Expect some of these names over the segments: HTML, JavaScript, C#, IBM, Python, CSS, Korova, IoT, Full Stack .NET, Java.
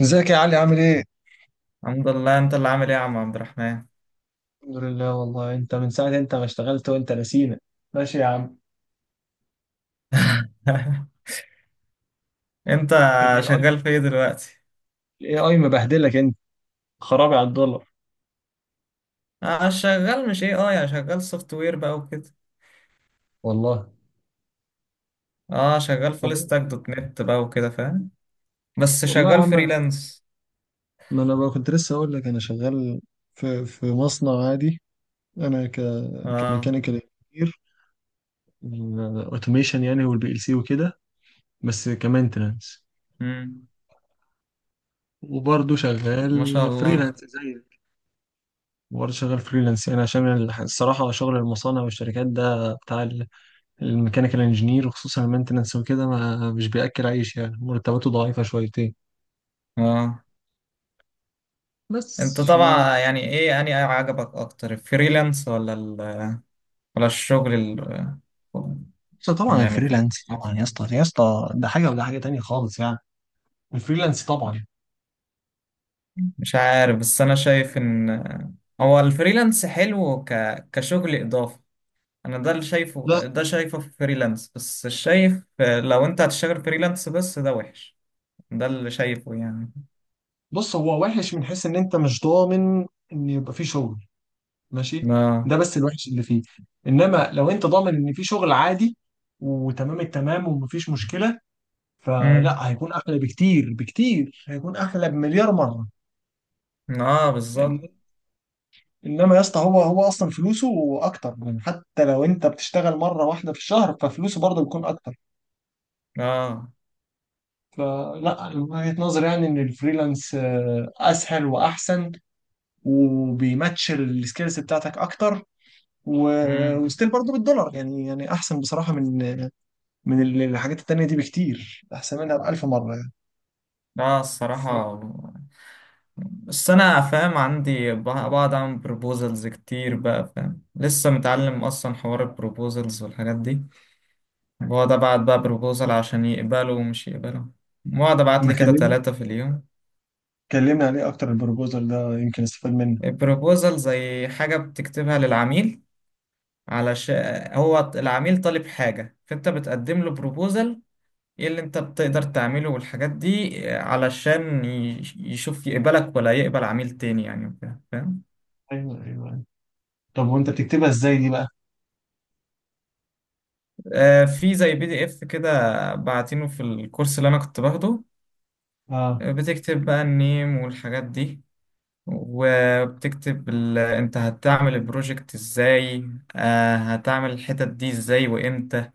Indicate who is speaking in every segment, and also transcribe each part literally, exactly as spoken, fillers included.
Speaker 1: ازيك يا علي عامل ايه؟
Speaker 2: الحمد لله. انت اللي عامل ايه يا عم عبد الرحمن؟
Speaker 1: الحمد لله. والله انت من ساعة انت ما اشتغلت وانت نسينا. ماشي يا عم.
Speaker 2: انت
Speaker 1: الاي اي.
Speaker 2: شغال في ايه دلوقتي؟
Speaker 1: الاي اي مبهدلك انت، خرابي على الدولار.
Speaker 2: اه، شغال مش ايه، اه يا شغال سوفت وير بقى وكده.
Speaker 1: والله.
Speaker 2: اه، شغال فول
Speaker 1: والله.
Speaker 2: ستاك دوت نت بقى وكده فاهم، بس
Speaker 1: والله يا
Speaker 2: شغال
Speaker 1: عم،
Speaker 2: فريلانس.
Speaker 1: ما انا بقى كنت لسه اقول لك انا شغال في في مصنع عادي. انا ك
Speaker 2: اه.
Speaker 1: كميكانيكال انجينير، اوتوميشن يعني والبي ال سي وكده، بس كمانتنس.
Speaker 2: امم.
Speaker 1: وبرضه شغال
Speaker 2: ما شاء الله.
Speaker 1: فريلانس زيك. وبرضه شغال فريلانس يعني عشان الح- الصراحة شغل المصانع والشركات ده بتاع الميكانيكال انجينير، وخصوصا المينتنس وكده، ما مش بياكل عيش يعني، مرتباته ضعيفه شويتين.
Speaker 2: اه،
Speaker 1: بس
Speaker 2: انت
Speaker 1: آه،
Speaker 2: طبعا، يعني ايه اني عجبك اكتر، الفريلانس ولا ال... ولا الشغل ال...
Speaker 1: بس طبعا
Speaker 2: يعني في
Speaker 1: الفريلانس
Speaker 2: مصر؟
Speaker 1: طبعا يا اسطى، يا اسطى ده حاجه وده حاجه تانية خالص يعني. الفريلانس طبعا.
Speaker 2: مش عارف، بس انا شايف ان هو الفريلانس حلو ك... كشغل اضافي. انا ده اللي
Speaker 1: لا،
Speaker 2: شايفه، ده شايفه في فريلانس بس، شايف لو انت هتشتغل فريلانس بس ده وحش. ده اللي شايفه يعني.
Speaker 1: بص هو وحش من حيث ان انت مش ضامن ان يبقى فيه شغل، ماشي؟
Speaker 2: اه.
Speaker 1: ده بس الوحش اللي فيه. انما لو انت ضامن ان فيه شغل عادي وتمام التمام ومفيش مشكله، فلا
Speaker 2: امم.
Speaker 1: هيكون احلى بكتير بكتير، هيكون احلى بمليار مره.
Speaker 2: اه، بالظبط.
Speaker 1: انما يا اسطى هو هو اصلا فلوسه اكتر يعني، حتى لو انت بتشتغل مره واحده في الشهر ففلوسه برضه بيكون اكتر.
Speaker 2: اه.
Speaker 1: فلا من وجهه نظري يعني ان الفريلانس آه، اسهل واحسن، وبيماتش السكيلز بتاعتك اكتر، و-
Speaker 2: امم.
Speaker 1: وستيل برضه بالدولار يعني، يعني احسن بصراحه من من ال- الحاجات التانيه دي بكتير، احسن منها بألف مره يعني.
Speaker 2: اه، الصراحة بس انا فاهم، عندي ب- بقعد اعمل بروبوزلز كتير بقى فاهم، لسه متعلم اصلا حوار البروبوزلز والحاجات دي. بقعد ابعت بقى بروبوزل عشان يقبلوا ومش يقبلوا، بقعد ابعت
Speaker 1: لما
Speaker 2: لي كده
Speaker 1: اتكلمنا
Speaker 2: ثلاثة في اليوم.
Speaker 1: اتكلمنا عليه اكتر، البروبوزال ده يمكن استفاد منه.
Speaker 2: البروبوزل زي حاجة بتكتبها للعميل، علشان هو العميل طالب حاجة فانت بتقدم له بروبوزل ايه اللي انت بتقدر تعمله والحاجات دي، آه، علشان ي- يشوف يقبلك ولا يقبل عميل تاني يعني وكده فاهم.
Speaker 1: ايوه ايوه، طب وانت بتكتبها ازاي دي بقى؟
Speaker 2: آه، في زي بي دي اف كده بعتينه في الكورس اللي انا كنت باخده.
Speaker 1: اه.
Speaker 2: آه، بتكتب بقى النيم والحاجات دي، وبتكتب ال... انت هتعمل البروجكت ازاي، آه هتعمل الحتت دي ازاي وامتى.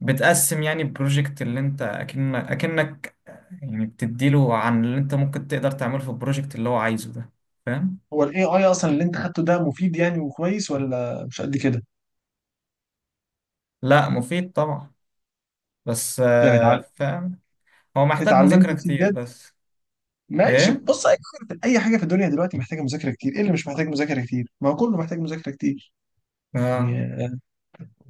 Speaker 2: بتقسم يعني البروجكت اللي انت اكنك اكنك يعني، بتديله عن اللي انت ممكن تقدر تعمله في البروجكت اللي هو عايزه ده، فاهم.
Speaker 1: هو الاي اي اصلا اللي انت خدته ده مفيد يعني وكويس، ولا مش قد كده؟
Speaker 2: لا، مفيد طبعا، بس
Speaker 1: يعني
Speaker 2: آه،
Speaker 1: اتعل-
Speaker 2: فاهم، هو محتاج
Speaker 1: اتعلمت
Speaker 2: مذاكرة
Speaker 1: فيه
Speaker 2: كتير
Speaker 1: بجد؟
Speaker 2: بس.
Speaker 1: ماشي.
Speaker 2: ايه.
Speaker 1: بص، اي حاجه في أي حاجة في الدنيا دلوقتي محتاجه مذاكره كتير، ايه اللي مش محتاج مذاكره كتير؟ ما هو كله محتاج مذاكره كتير
Speaker 2: اه.
Speaker 1: يعني.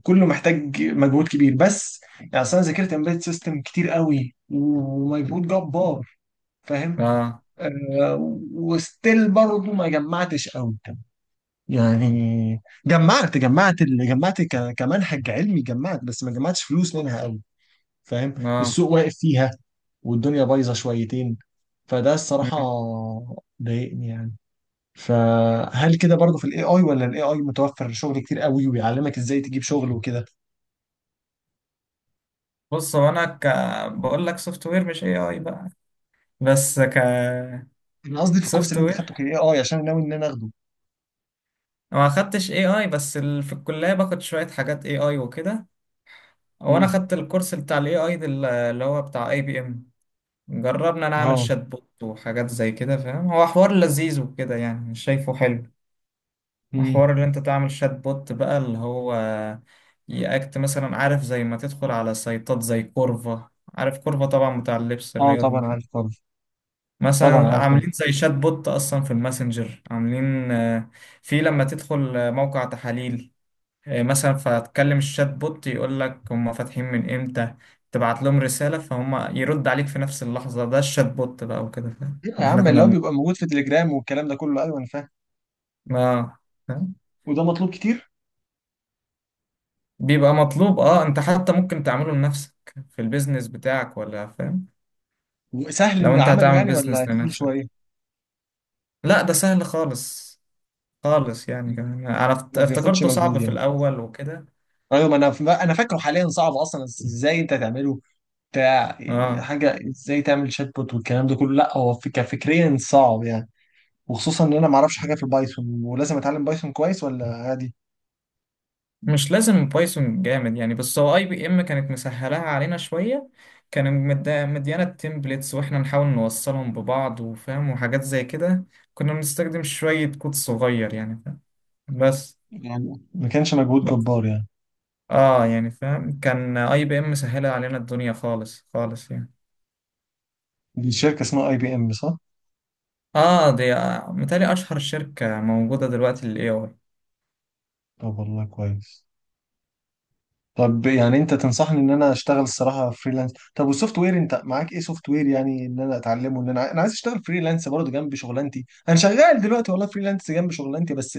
Speaker 1: كله محتاج مجهود كبير، بس يعني أصل انا ذاكرت امبيد سيستم كتير قوي ومجهود جبار، فاهم؟
Speaker 2: اه.
Speaker 1: آه. وستيل برضه ما جمعتش قوي، يعني جمعت جمعت ال- جمعت ك- كمنهج علمي جمعت، بس ما جمعتش فلوس منها قوي. فاهم؟
Speaker 2: اه.
Speaker 1: السوق واقف فيها، والدنيا بايظه شويتين، فده الصراحه
Speaker 2: مم.
Speaker 1: ضايقني يعني. فهل كده برضه في الاي اي، ولا الاي اي متوفر شغل كتير قوي ويعلمك ازاي تجيب شغل وكده؟
Speaker 2: بص هو انا ك... بقول لك سوفت وير مش اي اي بقى، بس ك
Speaker 1: انا قصدي في الكورس
Speaker 2: سوفت
Speaker 1: اللي انت
Speaker 2: وير،
Speaker 1: خدته كان اي اي، عشان ناوي ان انا اخده.
Speaker 2: ما خدتش اي اي، بس ال... في الكلية باخد شوية حاجات اي اي وكده، وانا
Speaker 1: امم.
Speaker 2: خدت الكورس بتاع الاي اي اللي هو بتاع اي بي ام. جربنا نعمل
Speaker 1: اه.
Speaker 2: شات بوت وحاجات زي كده فاهم، هو حوار لذيذ وكده يعني، مش شايفه حلو.
Speaker 1: امم.
Speaker 2: حوار اللي انت تعمل شات بوت بقى اللي هو يأكت مثلا، عارف زي ما تدخل على سايتات زي كورفا، عارف كورفا طبعا بتاع اللبس
Speaker 1: اه
Speaker 2: الرياضي
Speaker 1: طبعا
Speaker 2: والحاجات
Speaker 1: عارف
Speaker 2: دي.
Speaker 1: طبعا. طبعا
Speaker 2: مثلا
Speaker 1: عارف طبعا.
Speaker 2: عاملين زي شات بوت اصلا في الماسنجر، عاملين آه، في لما تدخل آه، موقع تحاليل آه، مثلا، فتكلم الشات بوت يقول لك هم فاتحين من امتى، تبعت لهم رسالة فهم يرد عليك في نفس اللحظة. ده الشات بوت بقى وكده فاهم،
Speaker 1: إيه يا
Speaker 2: اللي احنا
Speaker 1: عم اللي
Speaker 2: كنا
Speaker 1: هو
Speaker 2: بن-
Speaker 1: بيبقى موجود في تليجرام والكلام ده كله، ايوه انا فاهم.
Speaker 2: اه، فاهم؟
Speaker 1: وده مطلوب كتير.
Speaker 2: بيبقى مطلوب اه، انت حتى ممكن تعمله لنفسك في البيزنس بتاعك ولا فاهم.
Speaker 1: وسهل
Speaker 2: لو
Speaker 1: ان
Speaker 2: انت
Speaker 1: عمله
Speaker 2: هتعمل
Speaker 1: يعني، ولا
Speaker 2: بيزنس
Speaker 1: تقيل
Speaker 2: لنفسك،
Speaker 1: شويه؟
Speaker 2: لا، ده سهل خالص خالص يعني، كمان انا افت-
Speaker 1: ما بياخدش
Speaker 2: افتكرته
Speaker 1: مجهود
Speaker 2: صعب في
Speaker 1: يعني؟
Speaker 2: الاول وكده.
Speaker 1: ايوه. ما انا انا فاكره حاليا صعب اصلا ازاي انت تعمله، بتاع يعني
Speaker 2: اه،
Speaker 1: حاجه ازاي تعمل شات بوت والكلام ده كله، لا هو فك- كفكريا صعب يعني. وخصوصا ان انا ما اعرفش حاجه في البايثون، ولازم اتعلم بايثون كويس ولا عادي؟
Speaker 2: مش لازم بايثون جامد يعني، بس هو اي بي ام كانت مسهلاها علينا شويه، كان مد- مديانا التمبلتس، واحنا نحاول نوصلهم ببعض وفاهم وحاجات زي كده. كنا بنستخدم شويه كود صغير يعني فاهم بس.
Speaker 1: يعني ما كانش مجهود جبار يعني؟
Speaker 2: اه، يعني فاهم، كان اي بي ام مسهله علينا الدنيا خالص خالص يعني.
Speaker 1: دي شركه اسمها اي بي ام صح؟
Speaker 2: اه، دي آه متهيألي اشهر شركه موجوده دلوقتي للاي اي.
Speaker 1: طب والله كويس. طب يعني انت تنصحني ان انا اشتغل الصراحه فريلانس؟ طب والسوفت وير انت معاك ايه سوفت وير، يعني ان انا اتعلمه ان انا ع- انا عايز اشتغل فريلانس برضه جنب شغلانتي، انا شغال دلوقتي والله فريلانس جنب شغلانتي بس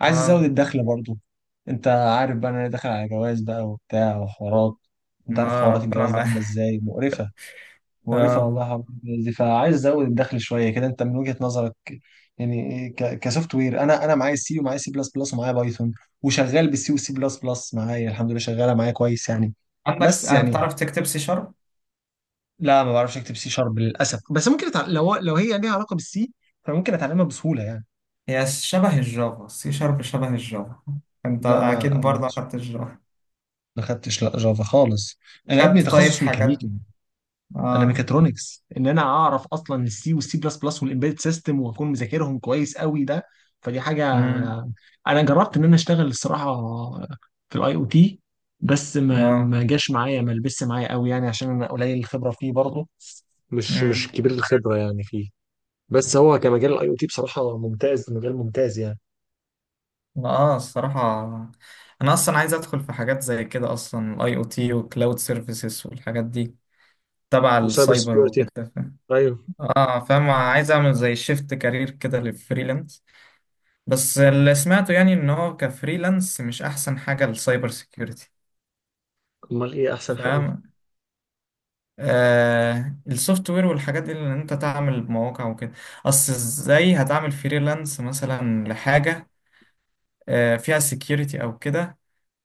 Speaker 1: عايز ازود
Speaker 2: اه.
Speaker 1: الدخل برضه. انت عارف بقى ان انا داخل على جواز بقى وبتاع وحوارات، انت عارف
Speaker 2: آه،
Speaker 1: حوارات
Speaker 2: ربنا
Speaker 1: الجواز دي عامله
Speaker 2: معاك.
Speaker 1: ازاي مقرفه، مقرفة
Speaker 2: اه،
Speaker 1: والله حوار الجهاز دي، فعايز ازود الدخل شوية كده. انت من وجهة نظرك يعني ك- كسوفت وير، انا انا معايا سي ومعايا سي بلس بلس ومعايا بايثون، وشغال بالسي وسي بلس بلس، معايا الحمد لله شغالة معايا كويس يعني.
Speaker 2: عندك س-
Speaker 1: بس
Speaker 2: آه،
Speaker 1: يعني
Speaker 2: بتعرف تكتب سي شارب؟
Speaker 1: لا، ما بعرفش اكتب سي شارب للاسف، بس ممكن أتع... لو لو هي ليها علاقة بالسي فممكن اتعلمها بسهولة يعني.
Speaker 2: هي شبه الجافا، سي شارب شبه الجافا، انت
Speaker 1: لا
Speaker 2: اكيد
Speaker 1: ما ما
Speaker 2: برضه اخدت الجافا.
Speaker 1: ما خدتش لا جافا خالص، انا ابني
Speaker 2: خدت طيب
Speaker 1: تخصص
Speaker 2: حاجات.
Speaker 1: ميكانيكي، انا
Speaker 2: اه.
Speaker 1: ميكاترونكس. ان انا اعرف اصلا السي والسي بلس بلس والامبيدد سيستم واكون مذاكرهم كويس قوي ده، فدي حاجه.
Speaker 2: امم.
Speaker 1: انا جربت ان انا اشتغل الصراحه في الاي او تي، بس ما
Speaker 2: اه.
Speaker 1: ما جاش معايا، ما لبس معايا قوي يعني عشان انا قليل الخبره فيه برضه، مش مش
Speaker 2: امم.
Speaker 1: كبير الخبرة يعني فيه. بس هو كمجال الاي او تي بصراحة ممتاز، مجال ممتاز يعني.
Speaker 2: اه، الصراحة انا اصلا عايز ادخل في حاجات زي كده اصلا، الاي او تي وكلاود سيرفيسز والحاجات دي تبع
Speaker 1: وسايبر
Speaker 2: السايبر
Speaker 1: سكيورتي.
Speaker 2: وكده فاهم.
Speaker 1: ايوه.
Speaker 2: اه فاهم، عايز اعمل زي شيفت كارير كده للفريلانس، بس اللي سمعته يعني ان هو كفريلانس مش احسن حاجة للسايبر سيكيورتي
Speaker 1: امال ايه احسن حاجة؟
Speaker 2: فاهم. آه السوفت وير والحاجات دي اللي انت تعمل مواقع وكده، اصل ازاي هتعمل فريلانس مثلا لحاجة آه فيها سكيورتي او كده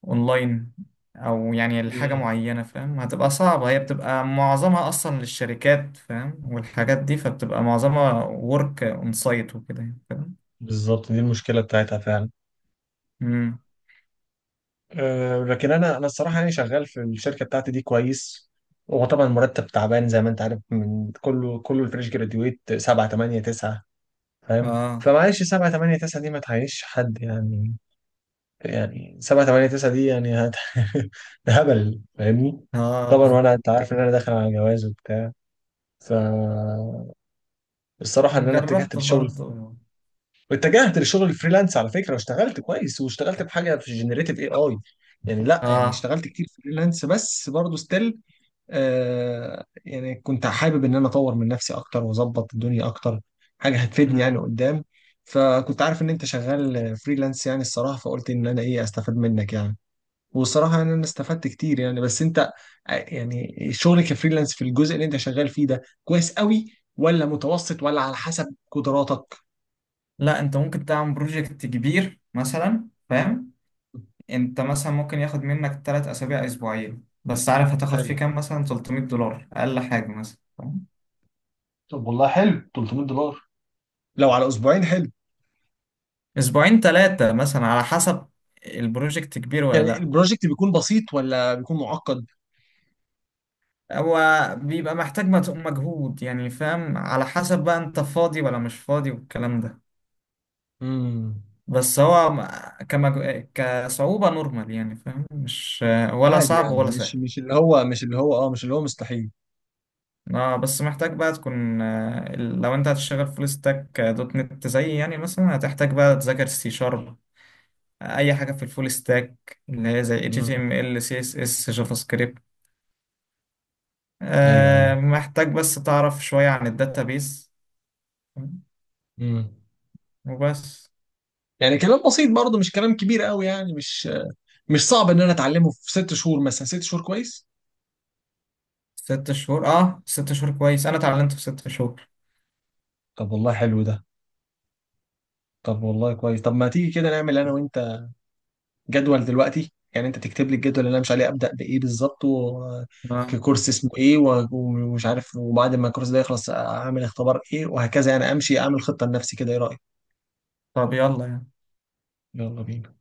Speaker 2: اونلاين، او يعني لحاجة
Speaker 1: مم.
Speaker 2: معينة فاهم هتبقى صعبة، هي بتبقى معظمها اصلا للشركات فاهم والحاجات دي، فبتبقى معظمها ورك اون سايت وكده يعني، فاهم.
Speaker 1: بالظبط دي المشكله بتاعتها فعلا.
Speaker 2: امم.
Speaker 1: أه، لكن انا انا الصراحه يعني شغال في الشركه بتاعتي دي كويس. هو طبعا المرتب تعبان زي ما انت عارف، من كله كله الفريش جراديويت سبعة تمنية تسعة، فاهم؟
Speaker 2: اه.
Speaker 1: فمعلش سبعة تمنية تسعة دي ما تعيش حد يعني. يعني سبعة تمنية تسعة دي يعني هت... ده هبل فاهمني.
Speaker 2: اه،
Speaker 1: طبعا. وانا انت عارف ان انا داخل على جواز وبتاع، فالصراحه ان انا اتجهت
Speaker 2: جربت
Speaker 1: للشغل
Speaker 2: برضو.
Speaker 1: واتجهت لشغل الفريلانس على فكره، واشتغلت كويس واشتغلت بحاجه في جنريتيف اي اي. يعني لا يعني
Speaker 2: اه.
Speaker 1: اشتغلت كتير فريلانس، بس برضه ستيل آه، يعني كنت حابب ان انا اطور من نفسي اكتر واظبط الدنيا اكتر، حاجه هتفيدني يعني
Speaker 2: امم.
Speaker 1: قدام. فكنت عارف ان انت شغال فريلانس يعني الصراحه، فقلت ان انا ايه استفاد منك يعني. والصراحه يعني انا استفدت كتير يعني. بس انت آه، يعني شغلك كفريلانس في الجزء اللي انت شغال فيه ده كويس قوي، ولا متوسط، ولا على حسب قدراتك؟
Speaker 2: لا، انت ممكن تعمل بروجكت كبير مثلا فاهم، انت مثلا ممكن ياخد منك تلات اسابيع اسبوعين، بس عارف هتاخد فيه كام؟ مثلا ثلاث مية دولار اقل حاجه مثلا، فاهم؟
Speaker 1: طب والله حلو، ثلاثمائة دولار لو على اسبوعين حلو.
Speaker 2: اسبوعين تلاتة مثلا على حسب البروجكت كبير ولا
Speaker 1: يعني
Speaker 2: لا.
Speaker 1: البروجكت بيكون بسيط ولا بيكون معقد؟
Speaker 2: هو بيبقى محتاج مت- مجهود يعني فاهم، على حسب بقى انت فاضي ولا مش فاضي والكلام ده.
Speaker 1: امم.
Speaker 2: بس هو م- كمج... كصعوبة نورمال يعني فاهم، مش ولا
Speaker 1: عادي
Speaker 2: صعب
Speaker 1: يعني،
Speaker 2: ولا
Speaker 1: مش
Speaker 2: سهل.
Speaker 1: مش اللي هو، مش اللي هو اه، مش اللي هو مستحيل.
Speaker 2: اه، بس محتاج بقى تكون، آه، لو انت هتشتغل فول ستاك دوت نت زي يعني مثلا، هتحتاج بقى تذاكر سي شارب، اي حاجه في الفول ستاك اللي هي زي
Speaker 1: امم.
Speaker 2: إتش تي إم إل سي إس إس جافا سكريبت،
Speaker 1: ايوه ايوه.
Speaker 2: آه، محتاج بس تعرف شويه عن الداتابيس
Speaker 1: امم.
Speaker 2: وبس.
Speaker 1: يعني كلام بسيط برضه، مش كلام كبير قوي يعني، مش مش صعب ان انا اتعلمه في ست شهور مثلا. ست شهور كويس.
Speaker 2: ست شهور، اه، ست شهور كويس، انا اتعلمت في ست شهور.
Speaker 1: طب والله حلو ده. طب والله كويس. طب ما تيجي كده نعمل انا وانت جدول دلوقتي، يعني انت تكتب لي الجدول اللي انا مش عليه ابدا بايه بالظبط، و-
Speaker 2: آه.
Speaker 1: ككورس اسمه ايه، و- ومش عارف، وبعد ما الكورس ده يخلص اعمل اختبار ايه، وهكذا يعني. امشي اعمل خطه لنفسي كده، ايه رايك؟
Speaker 2: طب يلا يعني.
Speaker 1: يلا بينا.